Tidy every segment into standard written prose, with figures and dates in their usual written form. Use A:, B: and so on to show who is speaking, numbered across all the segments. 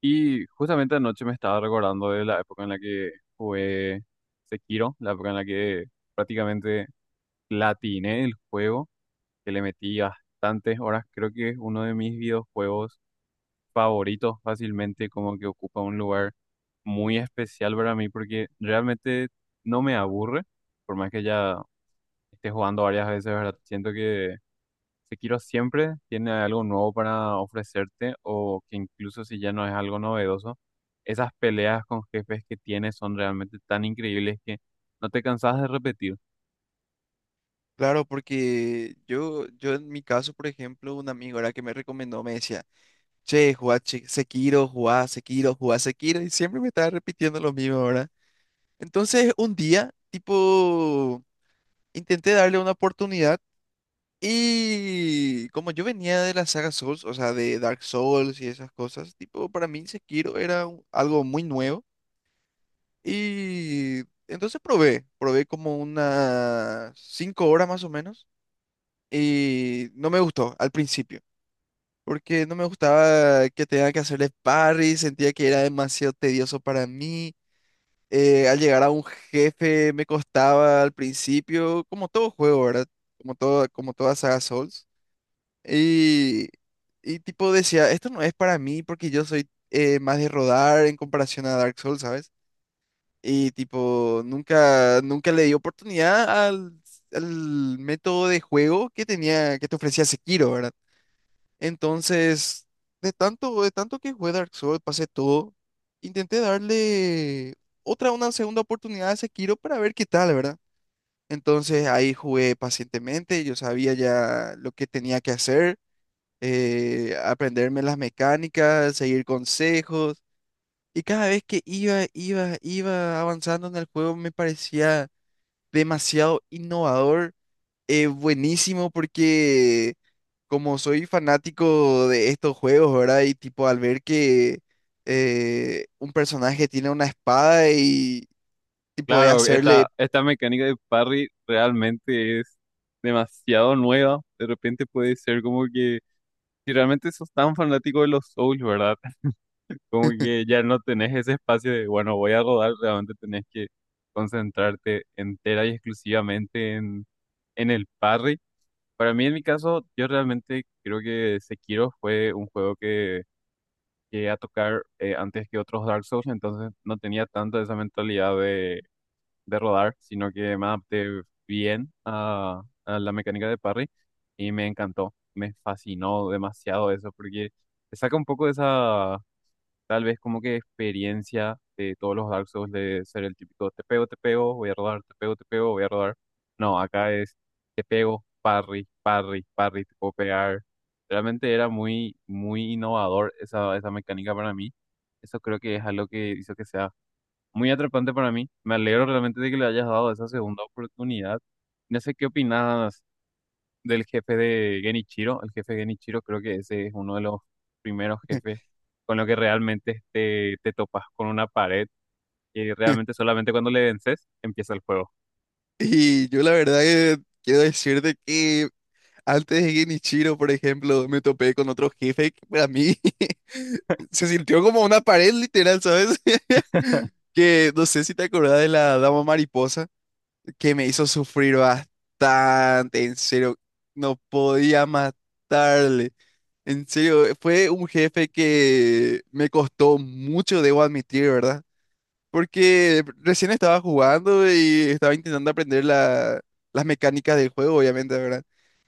A: Y justamente anoche me estaba recordando de la época en la que jugué Sekiro, la época en la que prácticamente platiné el juego, que le metí bastantes horas. Creo que es uno de mis videojuegos favoritos fácilmente, como que ocupa un lugar muy especial para mí porque realmente no me aburre, por más que ya esté jugando varias veces, ¿verdad? Siento que Sekiro siempre tiene algo nuevo para ofrecerte o que incluso si ya no es algo novedoso, esas peleas con jefes que tiene son realmente tan increíbles que no te cansas de repetir.
B: Claro, porque yo en mi caso, por ejemplo, un amigo era que me recomendó, me decía, che, jugá Sekiro, jugá Sekiro, jugá Sekiro, y siempre me estaba repitiendo lo mismo, ¿verdad? Entonces, un día, tipo, intenté darle una oportunidad y como yo venía de la saga Souls, o sea, de Dark Souls y esas cosas, tipo, para mí Sekiro era algo muy nuevo y entonces probé como unas 5 horas más o menos. Y no me gustó al principio, porque no me gustaba que tenga que hacerle parry, sentía que era demasiado tedioso para mí. Al llegar a un jefe me costaba al principio, como todo juego, ¿verdad? Como todo, como toda saga Souls. Y, y tipo decía, esto no es para mí porque yo soy más de rodar en comparación a Dark Souls, ¿sabes? Y tipo, nunca le di oportunidad al método de juego que tenía, que te ofrecía Sekiro, ¿verdad? Entonces, de tanto que jugué Dark Souls, pasé todo, intenté darle otra, una segunda oportunidad a Sekiro para ver qué tal, ¿verdad? Entonces ahí jugué pacientemente, yo sabía ya lo que tenía que hacer, aprenderme las mecánicas, seguir consejos, y cada vez que iba avanzando en el juego me parecía demasiado innovador buenísimo porque como soy fanático de estos juegos, ¿verdad? Y tipo al ver que un personaje tiene una espada y tipo de
A: Claro, esta,
B: hacerle...
A: esta mecánica de parry realmente es demasiado nueva. De repente puede ser como que si realmente sos tan fanático de los Souls, ¿verdad? Como que ya no tenés ese espacio de, bueno, voy a rodar, realmente tenés que concentrarte entera y exclusivamente en el parry. Para mí, en mi caso, yo realmente creo que Sekiro fue un juego que llegué a tocar antes que otros Dark Souls, entonces no tenía tanto esa mentalidad de rodar, sino que me adapté bien a la mecánica de parry y me encantó, me fascinó demasiado eso, porque te saca un poco de esa, tal vez como que, experiencia de todos los Dark Souls de ser el típico te pego, voy a rodar, te pego, voy a rodar. No, acá es te pego, parry, parry, parry, te puedo pegar. Realmente era muy, muy innovador esa mecánica para mí. Eso creo que es algo que hizo que sea muy atrapante para mí. Me alegro realmente de que le hayas dado esa segunda oportunidad. No sé qué opinas del jefe de Genichiro. El jefe de Genichiro creo que ese es uno de los primeros jefes con lo que realmente te topas con una pared y realmente solamente cuando le vences empieza el juego.
B: Y yo la verdad que quiero decirte que antes de Genichiro, por ejemplo, me topé con otro jefe que para mí se sintió como una pared literal, ¿sabes? Que no sé si te acordás de la dama mariposa. Que me hizo sufrir bastante, en serio, no podía matarle. En serio, fue un jefe que me costó mucho, debo admitir, ¿verdad? Porque recién estaba jugando y estaba intentando aprender las mecánicas del juego, obviamente, ¿verdad?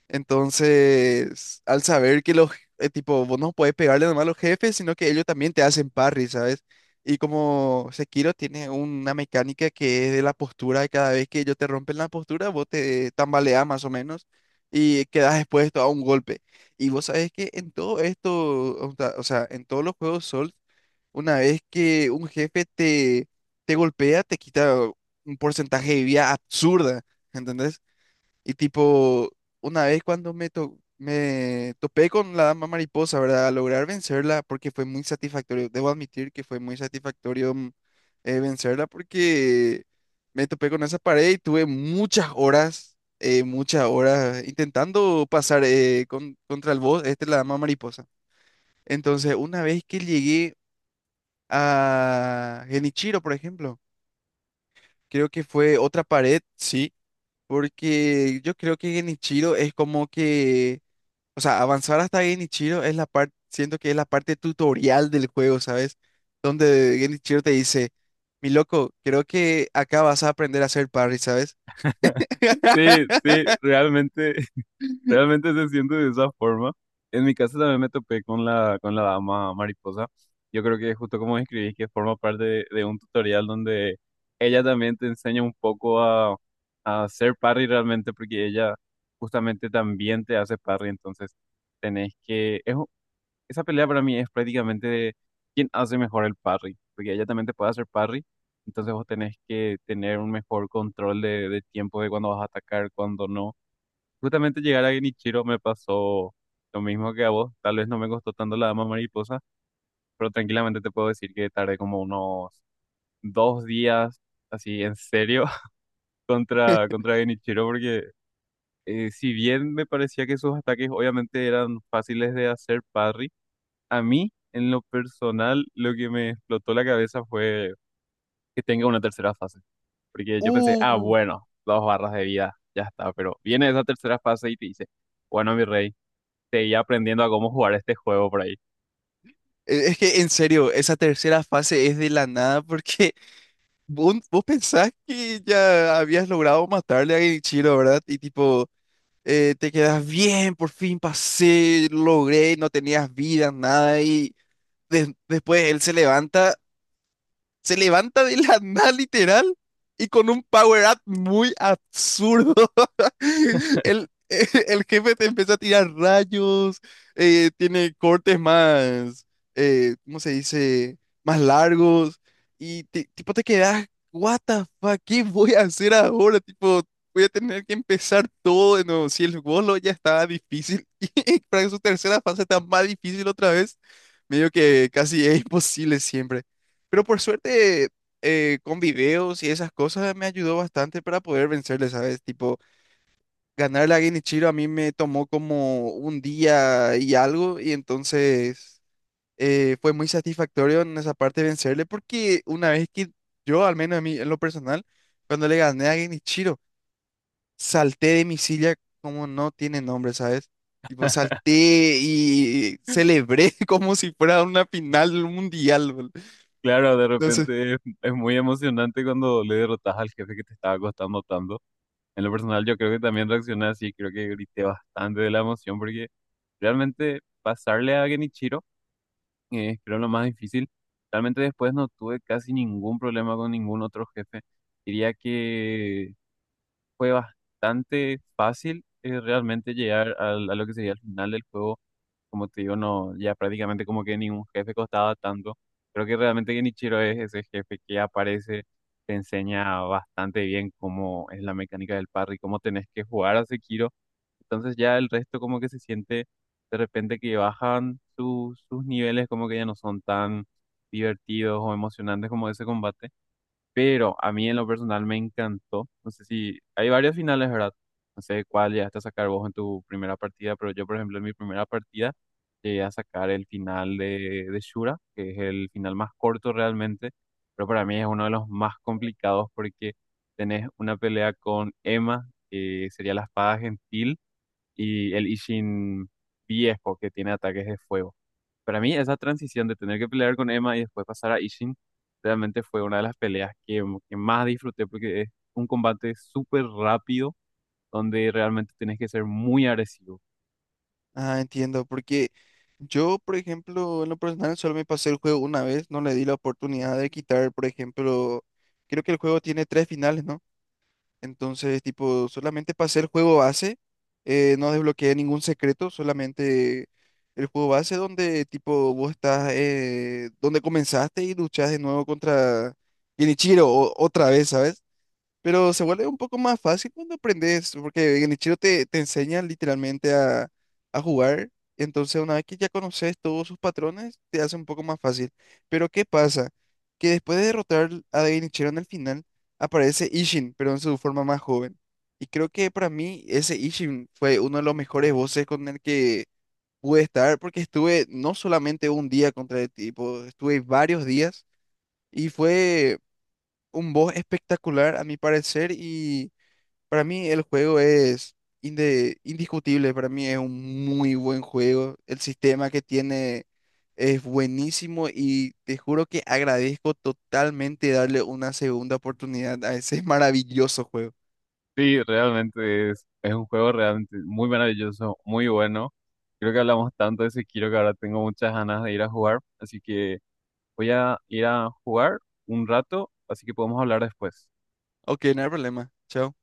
B: Entonces, al saber que los, tipo, vos no podés pegarle nomás a los jefes, sino que ellos también te hacen parry, ¿sabes? Y como Sekiro tiene una mecánica que es de la postura, cada vez que ellos te rompen la postura, vos te tambaleás más o menos y quedás expuesto a un golpe. Y vos sabés que en todo esto, o sea, en todos los juegos Souls, una vez que un jefe te, te golpea, te quita un porcentaje de vida absurda, ¿entendés? Y tipo, una vez cuando me topé con la dama mariposa, ¿verdad? A lograr vencerla, porque fue muy satisfactorio, debo admitir que fue muy satisfactorio vencerla, porque me topé con esa pared y tuve muchas horas intentando pasar contra el boss, este, la dama mariposa. Entonces, una vez que llegué a Genichiro, por ejemplo. Creo que fue otra pared, sí, porque yo creo que Genichiro es como que, o sea, avanzar hasta Genichiro es la parte, siento que es la parte tutorial del juego, ¿sabes? Donde Genichiro te dice, mi loco, creo que acá vas a aprender a hacer parry, ¿sabes?
A: Sí, sí, realmente se siente de esa forma. En mi caso también me topé con con la dama mariposa. Yo creo que justo como describís, que forma parte de un tutorial donde ella también te enseña un poco a hacer parry realmente, porque ella justamente también te hace parry. Entonces, tenés que... esa pelea para mí es prácticamente de quién hace mejor el parry, porque ella también te puede hacer parry. Entonces, vos tenés que tener un mejor control de tiempo de cuándo vas a atacar, cuándo no. Justamente llegar a Genichiro me pasó lo mismo que a vos. Tal vez no me costó tanto la dama mariposa, pero tranquilamente te puedo decir que tardé como unos 2 días, así en serio, contra Genichiro, porque si bien me parecía que sus ataques obviamente eran fáciles de hacer parry, a mí, en lo personal, lo que me explotó la cabeza fue que tenga una tercera fase. Porque yo pensé, ah,
B: Uh,
A: bueno, 2 barras de vida, ya está, pero viene esa tercera fase y te dice, bueno, mi rey. Seguía aprendiendo a cómo jugar este juego por ahí.
B: es que en serio, esa tercera fase es de la nada porque vos pensás que ya habías logrado matarle a Genichiro, ¿verdad? Y tipo... te quedas bien, por fin pasé, logré, no tenías vida, nada, y después él se levanta, se levanta de la nada literal y con un power up muy absurdo. El jefe te empieza a tirar rayos, tiene cortes más, ¿cómo se dice? Más largos y tipo te quedas, what the fuck, ¿qué voy a hacer ahora? Tipo, voy a tener que empezar todo de nuevo. Si el bolo ya estaba difícil y para su tercera fase está más difícil otra vez, medio que casi es imposible siempre. Pero por suerte, con videos y esas cosas me ayudó bastante para poder vencerle, ¿sabes? Tipo, ganar la Genichiro a mí me tomó como un día y algo, y entonces fue muy satisfactorio en esa parte vencerle, porque una vez que yo, al menos a mí, en lo personal, cuando le gané a Genichiro, salté de mi silla como no tiene nombre, ¿sabes? Tipo, salté y celebré como si fuera una final mundial, bol.
A: Claro, de
B: Entonces,
A: repente es muy emocionante cuando le derrotas al jefe que te estaba costando tanto. En lo personal, yo creo que también reaccioné así, creo que grité bastante de la emoción porque realmente pasarle a Genichiro es, creo, lo más difícil. Realmente después no tuve casi ningún problema con ningún otro jefe. Diría que fue bastante fácil, realmente llegar a lo que sería el final del juego. Como te digo, no, ya prácticamente como que ningún jefe costaba tanto. Creo que realmente Genichiro es ese jefe que aparece, te enseña bastante bien cómo es la mecánica del parry, cómo tenés que jugar a Sekiro. Entonces ya el resto como que se siente de repente que bajan sus niveles, como que ya no son tan divertidos o emocionantes como ese combate. Pero a mí en lo personal me encantó. No sé si hay varios finales, ¿verdad? No sé cuál llegaste a sacar vos en tu primera partida, pero yo, por ejemplo, en mi primera partida llegué a sacar el final de Shura, que es el final más corto realmente, pero para mí es uno de los más complicados porque tenés una pelea con Emma, que sería la espada gentil, y el Ishin viejo, que tiene ataques de fuego. Para mí, esa transición de tener que pelear con Emma y después pasar a Ishin, realmente fue una de las peleas que más disfruté porque es un combate súper rápido donde realmente tienes que ser muy agresivo.
B: ah, entiendo, porque yo, por ejemplo, en lo personal solo me pasé el juego una vez, no le di la oportunidad de quitar, por ejemplo, creo que el juego tiene tres finales, ¿no? Entonces, tipo, solamente pasé el juego base, no desbloqueé ningún secreto, solamente el juego base donde, tipo, vos estás, donde comenzaste y luchás de nuevo contra Genichiro otra vez, ¿sabes? Pero se vuelve un poco más fácil cuando aprendes, porque Genichiro te, te enseña literalmente a jugar. Entonces, una vez que ya conoces todos sus patrones, te hace un poco más fácil. Pero, ¿qué pasa? Que después de derrotar a Genichiro en el final, aparece Ishin, pero en su forma más joven. Y creo que para mí ese Ishin fue uno de los mejores voces con el que pude estar, porque estuve no solamente un día contra el tipo, estuve varios días y fue un boss espectacular a mi parecer y para mí el juego es indiscutible, para mí es un muy buen juego. El sistema que tiene es buenísimo y te juro que agradezco totalmente darle una segunda oportunidad a ese maravilloso juego.
A: Sí, realmente es un juego realmente muy maravilloso, muy bueno. Creo que hablamos tanto de Sekiro que ahora tengo muchas ganas de ir a jugar, así que voy a ir a jugar un rato, así que podemos hablar después.
B: Ok, no hay problema. Chao.